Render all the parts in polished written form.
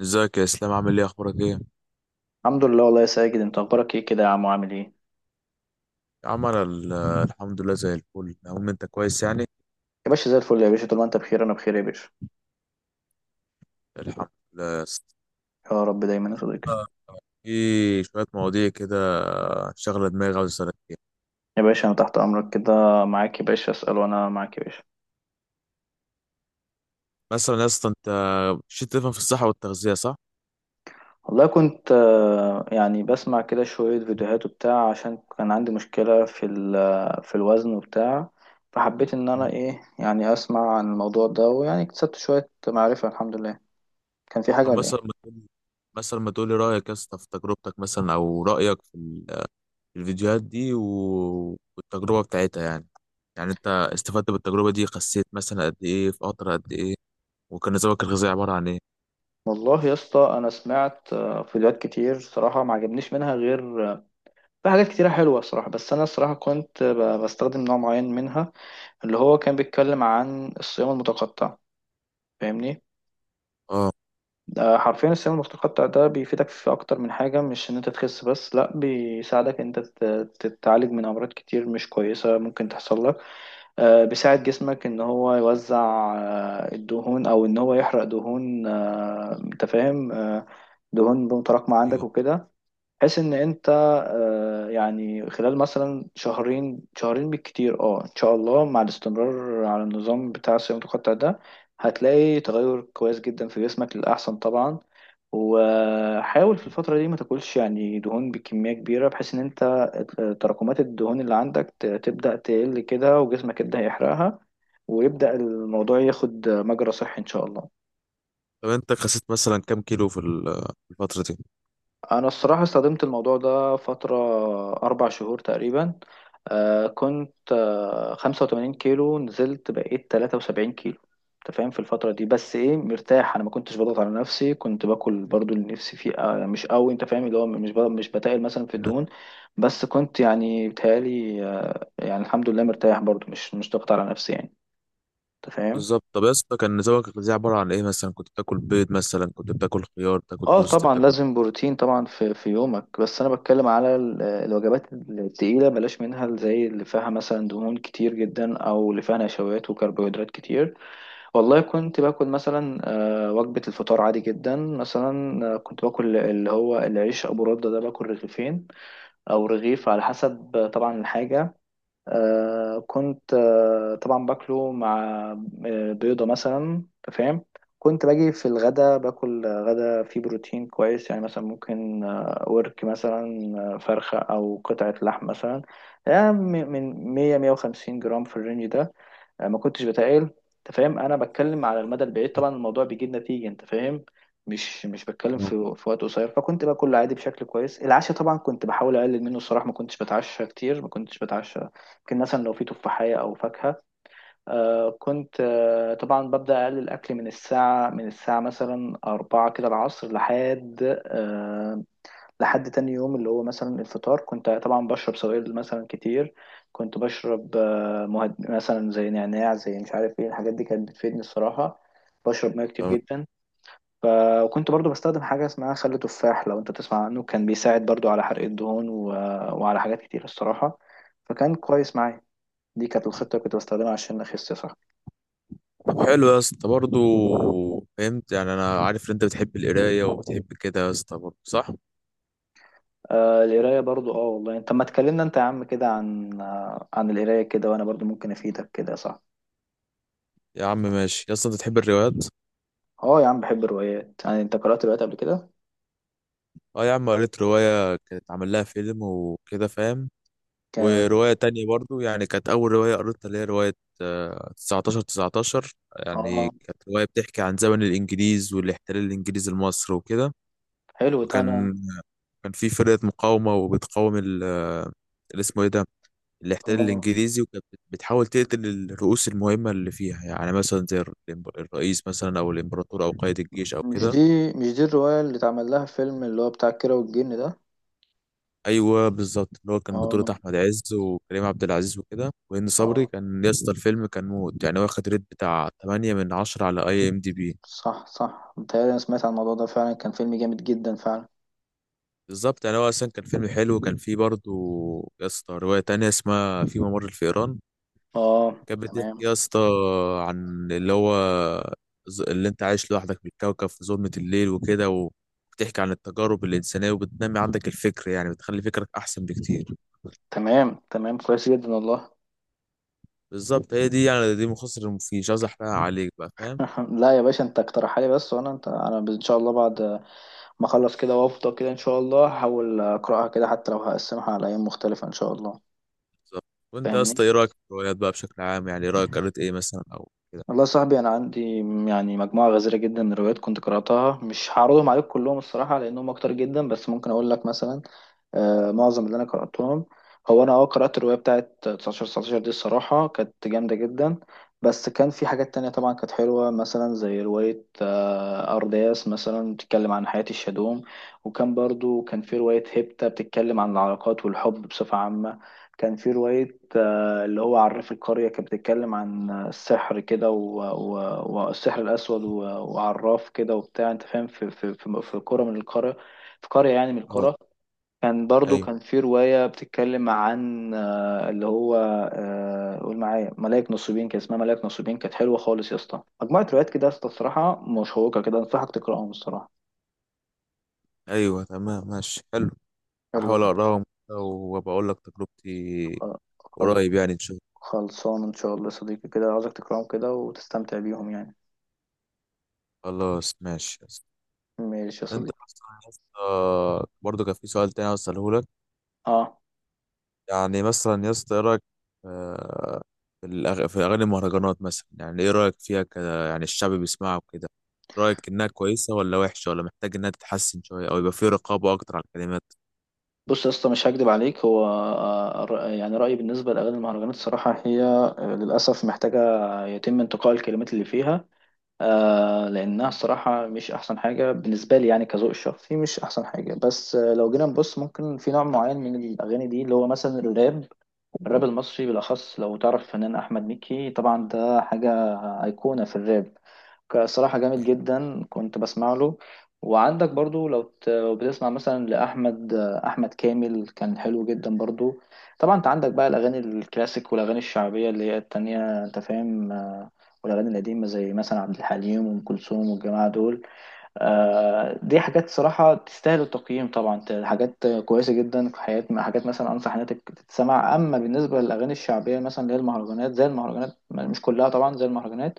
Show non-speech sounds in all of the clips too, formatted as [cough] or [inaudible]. ازيك يا اسلام؟ عامل ايه؟ اخبارك ايه؟ الحمد لله، والله يا ساجد، انت اخبارك ايه كده يا عم وعامل ايه؟ يا عم انا الحمد لله زي الفل. المهم انت كويس يعني؟ يا باشا زي الفل يا باشا، طول ما انت بخير انا بخير يا باشا. الحمد لله. يا رب دايما يا صديقي. آه، في شويه مواضيع كده شغله دماغي عاوز اسالك فيها. يا باشا انا تحت امرك كده معاك يا باشا، اسال وانا معاك يا باشا. مثلا يا اسطى انت مش تفهم في الصحه والتغذيه، صح؟ والله كنت يعني بسمع كده شويه فيديوهات وبتاع، عشان كان عندي مشكله في ال- آه، في الوزن وبتاع. فحبيت ان انا مم. ايه يعني اسمع عن الموضوع ده، ويعني اكتسبت شويه معرفه. الحمد لله. كان في حاجه طب ولا مثلا ايه؟ ما تقول، مثلا ما تقولي رايك يا اسطى في تجربتك مثلا، او رايك في في الفيديوهات دي والتجربه بتاعتها يعني. يعني انت استفدت بالتجربه دي؟ خسيت مثلا قد ايه؟ في قطر قد ايه؟ وكان نظامك الغذائي عباره عن ايه؟ والله يا اسطى انا سمعت فيديوهات كتير صراحه، ما عجبنيش منها غير في حاجات كتيرة حلوة الصراحة، بس أنا الصراحة كنت بستخدم نوع معين منها، اللي هو كان بيتكلم عن الصيام المتقطع. فاهمني؟ اه. ده حرفيا الصيام المتقطع ده بيفيدك في أكتر من حاجة، مش إن أنت تخس بس، لأ بيساعدك إن أنت تتعالج من أمراض كتير مش كويسة ممكن تحصل لك. بيساعد جسمك إن هو يوزع الدهون، أو إن هو يحرق دهون. أنت فاهم؟ دهون متراكمة عندك وكده. بحيث ان انت يعني خلال مثلا شهرين شهرين بالكتير، ان شاء الله مع الاستمرار على النظام بتاع الصيام المتقطع ده، هتلاقي تغير كويس جدا في جسمك للأحسن طبعا. وحاول في الفترة دي ما تاكلش يعني دهون بكمية كبيرة، بحيث ان انت تراكمات الدهون اللي عندك تبدأ تقل كده وجسمك يبدأ يحرقها، ويبدأ الموضوع ياخد مجرى صحي ان شاء الله. طب انت خسيت مثلا كام كيلو في في الفترة دي؟ انا الصراحه استخدمت الموضوع ده فتره، 4 شهور تقريبا. كنت 85 كيلو، نزلت بقيت 73 كيلو. انت فاهم؟ في الفتره دي بس ايه، مرتاح، انا ما كنتش بضغط على نفسي. كنت باكل برضو اللي نفسي فيه، مش قوي، انت فاهم؟ اللي هو مش بتقل مثلا في الدهون. بس كنت يعني بتهيالي، يعني الحمد لله مرتاح برضو، مش ضغط على نفسي يعني. انت فاهم؟ بالظبط. طب يا اسطى كان نظامك الغذائي عبارة عن ايه؟ مثلا كنت بتاكل بيض؟ مثلا كنت بتاكل خيار؟ بتاكل اه، توست؟ طبعا بتاكل؟ لازم بروتين طبعا في يومك، بس انا بتكلم على الوجبات التقيله، بلاش منها زي اللي فيها مثلا دهون كتير جدا، او اللي فيها نشويات وكربوهيدرات كتير. والله كنت باكل مثلا، وجبه الفطار عادي جدا مثلا. كنت باكل اللي هو العيش ابو رده ده، باكل 2 رغيف او رغيف على حسب، طبعا الحاجه. كنت طبعا باكله مع بيضة مثلا. أنت فاهم؟ كنت باجي في الغدا باكل غدا فيه بروتين كويس، يعني مثلا ممكن ورك مثلا، فرخة أو قطعة لحم مثلا، يعني من 100 150 جرام في الرينج ده. أنا ما كنتش بتقال. انت فاهم؟ انا بتكلم على المدى البعيد، طبعا الموضوع بيجيب نتيجه. انت فاهم؟ مش بتكلم تمام. في وقت قصير. فكنت باكل عادي بشكل كويس. العشاء طبعا كنت بحاول اقلل منه الصراحه، ما كنتش بتعشى كتير، ما كنتش بتعشى. يمكن مثلا لو في تفاحيه او فاكهه. كنت طبعا ببدا اقلل الاكل من الساعه، مثلا أربعة كده العصر، لحد لحد تاني يوم اللي هو مثلا الفطار. كنت طبعا بشرب سوائل مثلا كتير. كنت بشرب مثلا زي نعناع، زي مش عارف ايه الحاجات دي، كانت بتفيدني الصراحة. بشرب ميه كتير جدا. ف... وكنت برضو بستخدم حاجة اسمها خل تفاح، لو انت تسمع عنه كان بيساعد برضو على حرق الدهون وعلى حاجات كتير الصراحة. فكان كويس معايا. دي كانت الخطة اللي كنت بستخدمها عشان أخس، صح؟ طب حلو يا اسطى برضه. فهمت يعني. انا عارف ان انت بتحب القراية وبتحب كده يا اسطى، برضه صح؟ القراية برضو، والله انت ما تكلمنا انت يا عم كده عن عن القراية كده، وانا برضو ممكن افيدك كده، صح؟ يا عم ماشي. يا اسطى انت بتحب الروايات؟ اه، يا عم بحب الروايات. يعني انت قرأت روايات قبل كده؟ اه يا عم، قريت رواية كانت عامل لها فيلم وكده، فاهم؟ ك... ورواية تانية برضو يعني، كانت أول رواية قريتها، اللي هي رواية 1919. يعني اه، كانت رواية بتحكي عن زمن الإنجليز والاحتلال الإنجليزي لمصر وكده. حلو ده. انا وكان كان في فرقة مقاومة وبتقاوم ال آه، اللي اسمه إيه ده، الاحتلال اه الإنجليزي. وكانت بتحاول تقتل الرؤوس المهمة اللي فيها، يعني مثلا زي الرئيس مثلا، أو الإمبراطور، أو قائد الجيش، أو مش دي كده. مش دي الرواية اللي اتعمل لها فيلم، اللي هو بتاع كيرة والجن ده؟ ايوه بالظبط، اللي هو كان بطولة اه، احمد عز وكريم عبد العزيز وكده، وهند صبري. اه، كان يا اسطى الفيلم كان موت يعني، واخد ريت بتاع 8 من 10 على IMDB. صح، صح، متهيألي انا سمعت عن الموضوع ده فعلا، كان فيلم جامد جدا فعلا. بالظبط. يعني هو اصلا كان فيلم حلو، وكان فيه برضه يا اسطى رواية تانية اسمها في ممر الفئران. اه، كانت بتحكي تمام، يا اسطى عن اللي هو اللي انت عايش لوحدك في الكوكب في ظلمة الليل وكده، و بتحكي عن التجارب الإنسانية، وبتنمي عندك الفكر، يعني بتخلي فكرك أحسن بكتير. تمام، تمام، كويس جدا والله. بالظبط. هي دي يعني، دي مختصر المفيد، مش عايز أحرقها عليك بقى، فاهم؟ [laughs] لا يا باشا، انت اقترحها لي بس، وانا انت انا ان شاء الله بعد ما اخلص كده وافضى كده، ان شاء الله هحاول اقراها كده، حتى لو هقسمها على ايام مختلفة ان شاء الله. بالظبط. وانت يا فاهمني؟ اسطى ايه رايك في الروايات بقى بشكل عام؟ يعني رايك [laughs] قريت ايه مثلا او كده؟ والله يا صاحبي انا عندي يعني مجموعه غزيره جدا من الروايات كنت قراتها، مش هعرضهم عليك كلهم الصراحه لانهم اكتر جدا، بس ممكن اقول لك مثلا، معظم اللي انا قراتهم. هو انا، قرات الروايه بتاعت 19 19 دي، الصراحه كانت جامده جدا. بس كان في حاجات تانية طبعا كانت حلوه، مثلا زي روايه، ارداس مثلا، بتتكلم عن حياه الشادوم. وكان برضو كان في روايه هيبتا بتتكلم عن العلاقات والحب بصفه عامه. كان في روايه اللي هو عرف القريه، كانت بتتكلم عن السحر كده والسحر الاسود وعراف كده وبتاع، انت فاهم، في قرى من القرى، في قريه يعني من اه القرى. كان برضو ايوه كان في رواية بتتكلم عن اللي هو قول معايا ملاك نصيبين، كان اسمها ملاك نصيبين، كانت حلوة خالص يا اسطى. مجموعة روايات كده يا اسطى الصراحة مشوقة كده، أنصحك تقرأهم الصراحة. ايوه تمام ماشي حلو. حلو. احاول اقراهم كده وبقول لك تجربتي خل- خل- قريب يعني، ان شاء خلصان إن شاء الله يا صديقي كده، عاوزك تقرأهم كده وتستمتع بيهم يعني. الله. خلاص ماشي يا اسطى. ماشي يا انت صديقي. مثلا يا اسطى برضه كان في سؤال تاني عاوز اساله لك. اه، يعني مثلا يا اسطى ايه رايك آه، في في اغاني المهرجانات مثلا؟ يعني ايه رايك فيها كده؟ يعني الشعب بيسمعها وكده. رايك انها كويسه ولا وحشه؟ ولا محتاج انها تتحسن شويه، او يبقى في رقابه اكتر على الكلمات؟ بص يا اسطى، مش هكدب عليك، هو يعني رأيي بالنسبة لأغاني المهرجانات الصراحة، هي للأسف محتاجة يتم انتقاء الكلمات اللي فيها. لأنها الصراحة مش أحسن حاجة بالنسبة لي، يعني كذوق الشخصي مش أحسن حاجة، بس لو جينا نبص ممكن في نوع معين من الأغاني دي اللي هو مثلا الراب. الراب المصري بالأخص، لو تعرف فنان أحمد مكي طبعا ده حاجة أيقونة في الراب، صراحة جامد جدا كنت بسمع له. وعندك برضو، لو بتسمع مثلا لأحمد كامل، كان حلو جدا برضو. طبعا أنت عندك بقى الأغاني الكلاسيك والأغاني الشعبية اللي هي التانية، أنت فاهم؟ والأغاني القديمة زي مثلا عبد الحليم وأم كلثوم والجماعة دول. دي حاجات صراحة تستاهل التقييم طبعا، حاجات كويسة جدا في حياة، حاجات مثلا أنصح إنها تتسمع. أما بالنسبة للأغاني الشعبية مثلا اللي هي المهرجانات، زي المهرجانات مش كلها طبعا، زي المهرجانات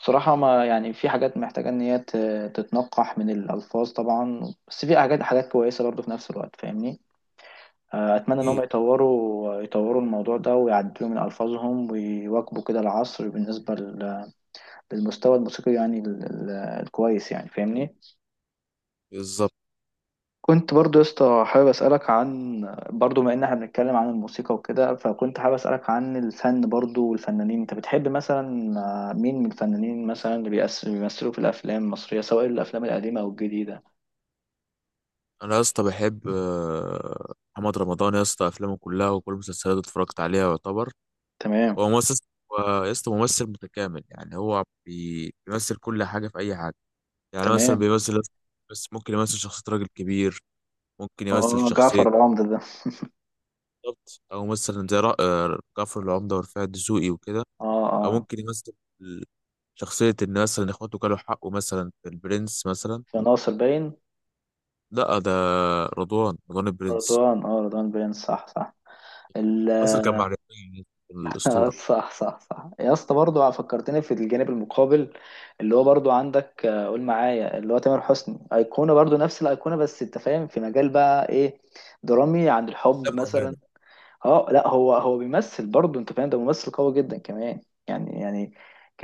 بصراحة، ما يعني في حاجات محتاجة إن هي تتنقح من الألفاظ طبعا. بس في حاجات حاجات كويسة برضه في نفس الوقت. فاهمني؟ أتمنى إن اكيد. هم يطوروا الموضوع ده ويعدلوا من ألفاظهم ويواكبوا كده العصر، بالنسبة للمستوى الموسيقي يعني الكويس يعني. فاهمني؟ بالظبط. كنت برضو يا اسطى حابب اسالك عن، برضو ما ان احنا بنتكلم عن الموسيقى وكده، فكنت حابب اسالك عن الفن برضو والفنانين. انت بتحب مثلا مين من الفنانين مثلا، بيمثلوا في الافلام المصريه، سواء الافلام القديمه او الجديده؟ انا يا اسطى بحب محمد رمضان. يا اسطى افلامه كلها وكل المسلسلات اتفرجت عليها يعتبر. تمام، هو ممثل، هو يا اسطى ممثل متكامل يعني. هو بيمثل كل حاجه في اي حاجه. يعني مثلا تمام، بيمثل، بس ممكن يمثل شخصيه راجل كبير، ممكن يمثل اه، شخصيه، جعفر العمدة ده. بالظبط، او مثلا زي جعفر العمده ورفاعي الدسوقي وكده، اه، او اه، ممكن يمثل شخصيه ان مثلا اخواته كانوا حقه مثلا في البرنس مثلا. في ناصر باين. لا ده رضوان، رضوان البرنس. رضوان باين، صح، صح. مصر كان مع الاسطوره. صح، صح، صح يا اسطى برضه، فكرتني في الجانب المقابل، اللي هو برضه عندك قول معايا اللي هو تامر حسني، ايقونه برضه نفس الايقونه، بس انت فاهم في مجال بقى ايه، درامي عن الحب مثلا. اه، لا، هو بيمثل برضه، انت فاهم ده ممثل قوي جدا كمان. يعني ك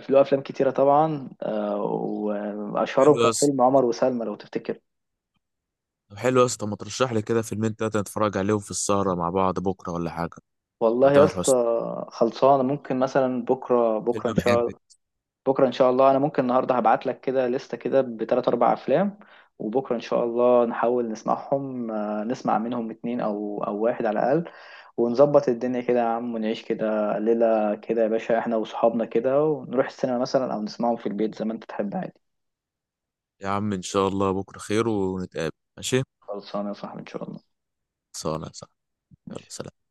في له افلام كتيره طبعا، واشهرهم حلو يا كان اسطى. فيلم عمر وسلمى، لو تفتكر. طب حلو يا اسطى، ما ترشح لي كده فيلمين تلاتة نتفرج عليهم في السهرة مع بعض بكرة ولا حاجة؟ بتاع والله يا تامر حسني، اسطى خلصانه، ممكن مثلا فيلم بحب. بكره ان شاء الله انا ممكن النهارده هبعت لك كده لستة كده بثلاث اربع افلام. وبكره ان شاء الله نحاول نسمع منهم 2 او واحد على الاقل، ونظبط الدنيا كده يا عم، ونعيش كده ليله كده يا باشا، احنا واصحابنا كده، ونروح السينما مثلا او نسمعهم في البيت زي ما انت تحب عادي. يا عم إن شاء الله بكرة خير ونتقابل، ماشي؟ خلصانه يا صاحبي ان شاء الله. صلاة صح. يلا ماشي. سلام.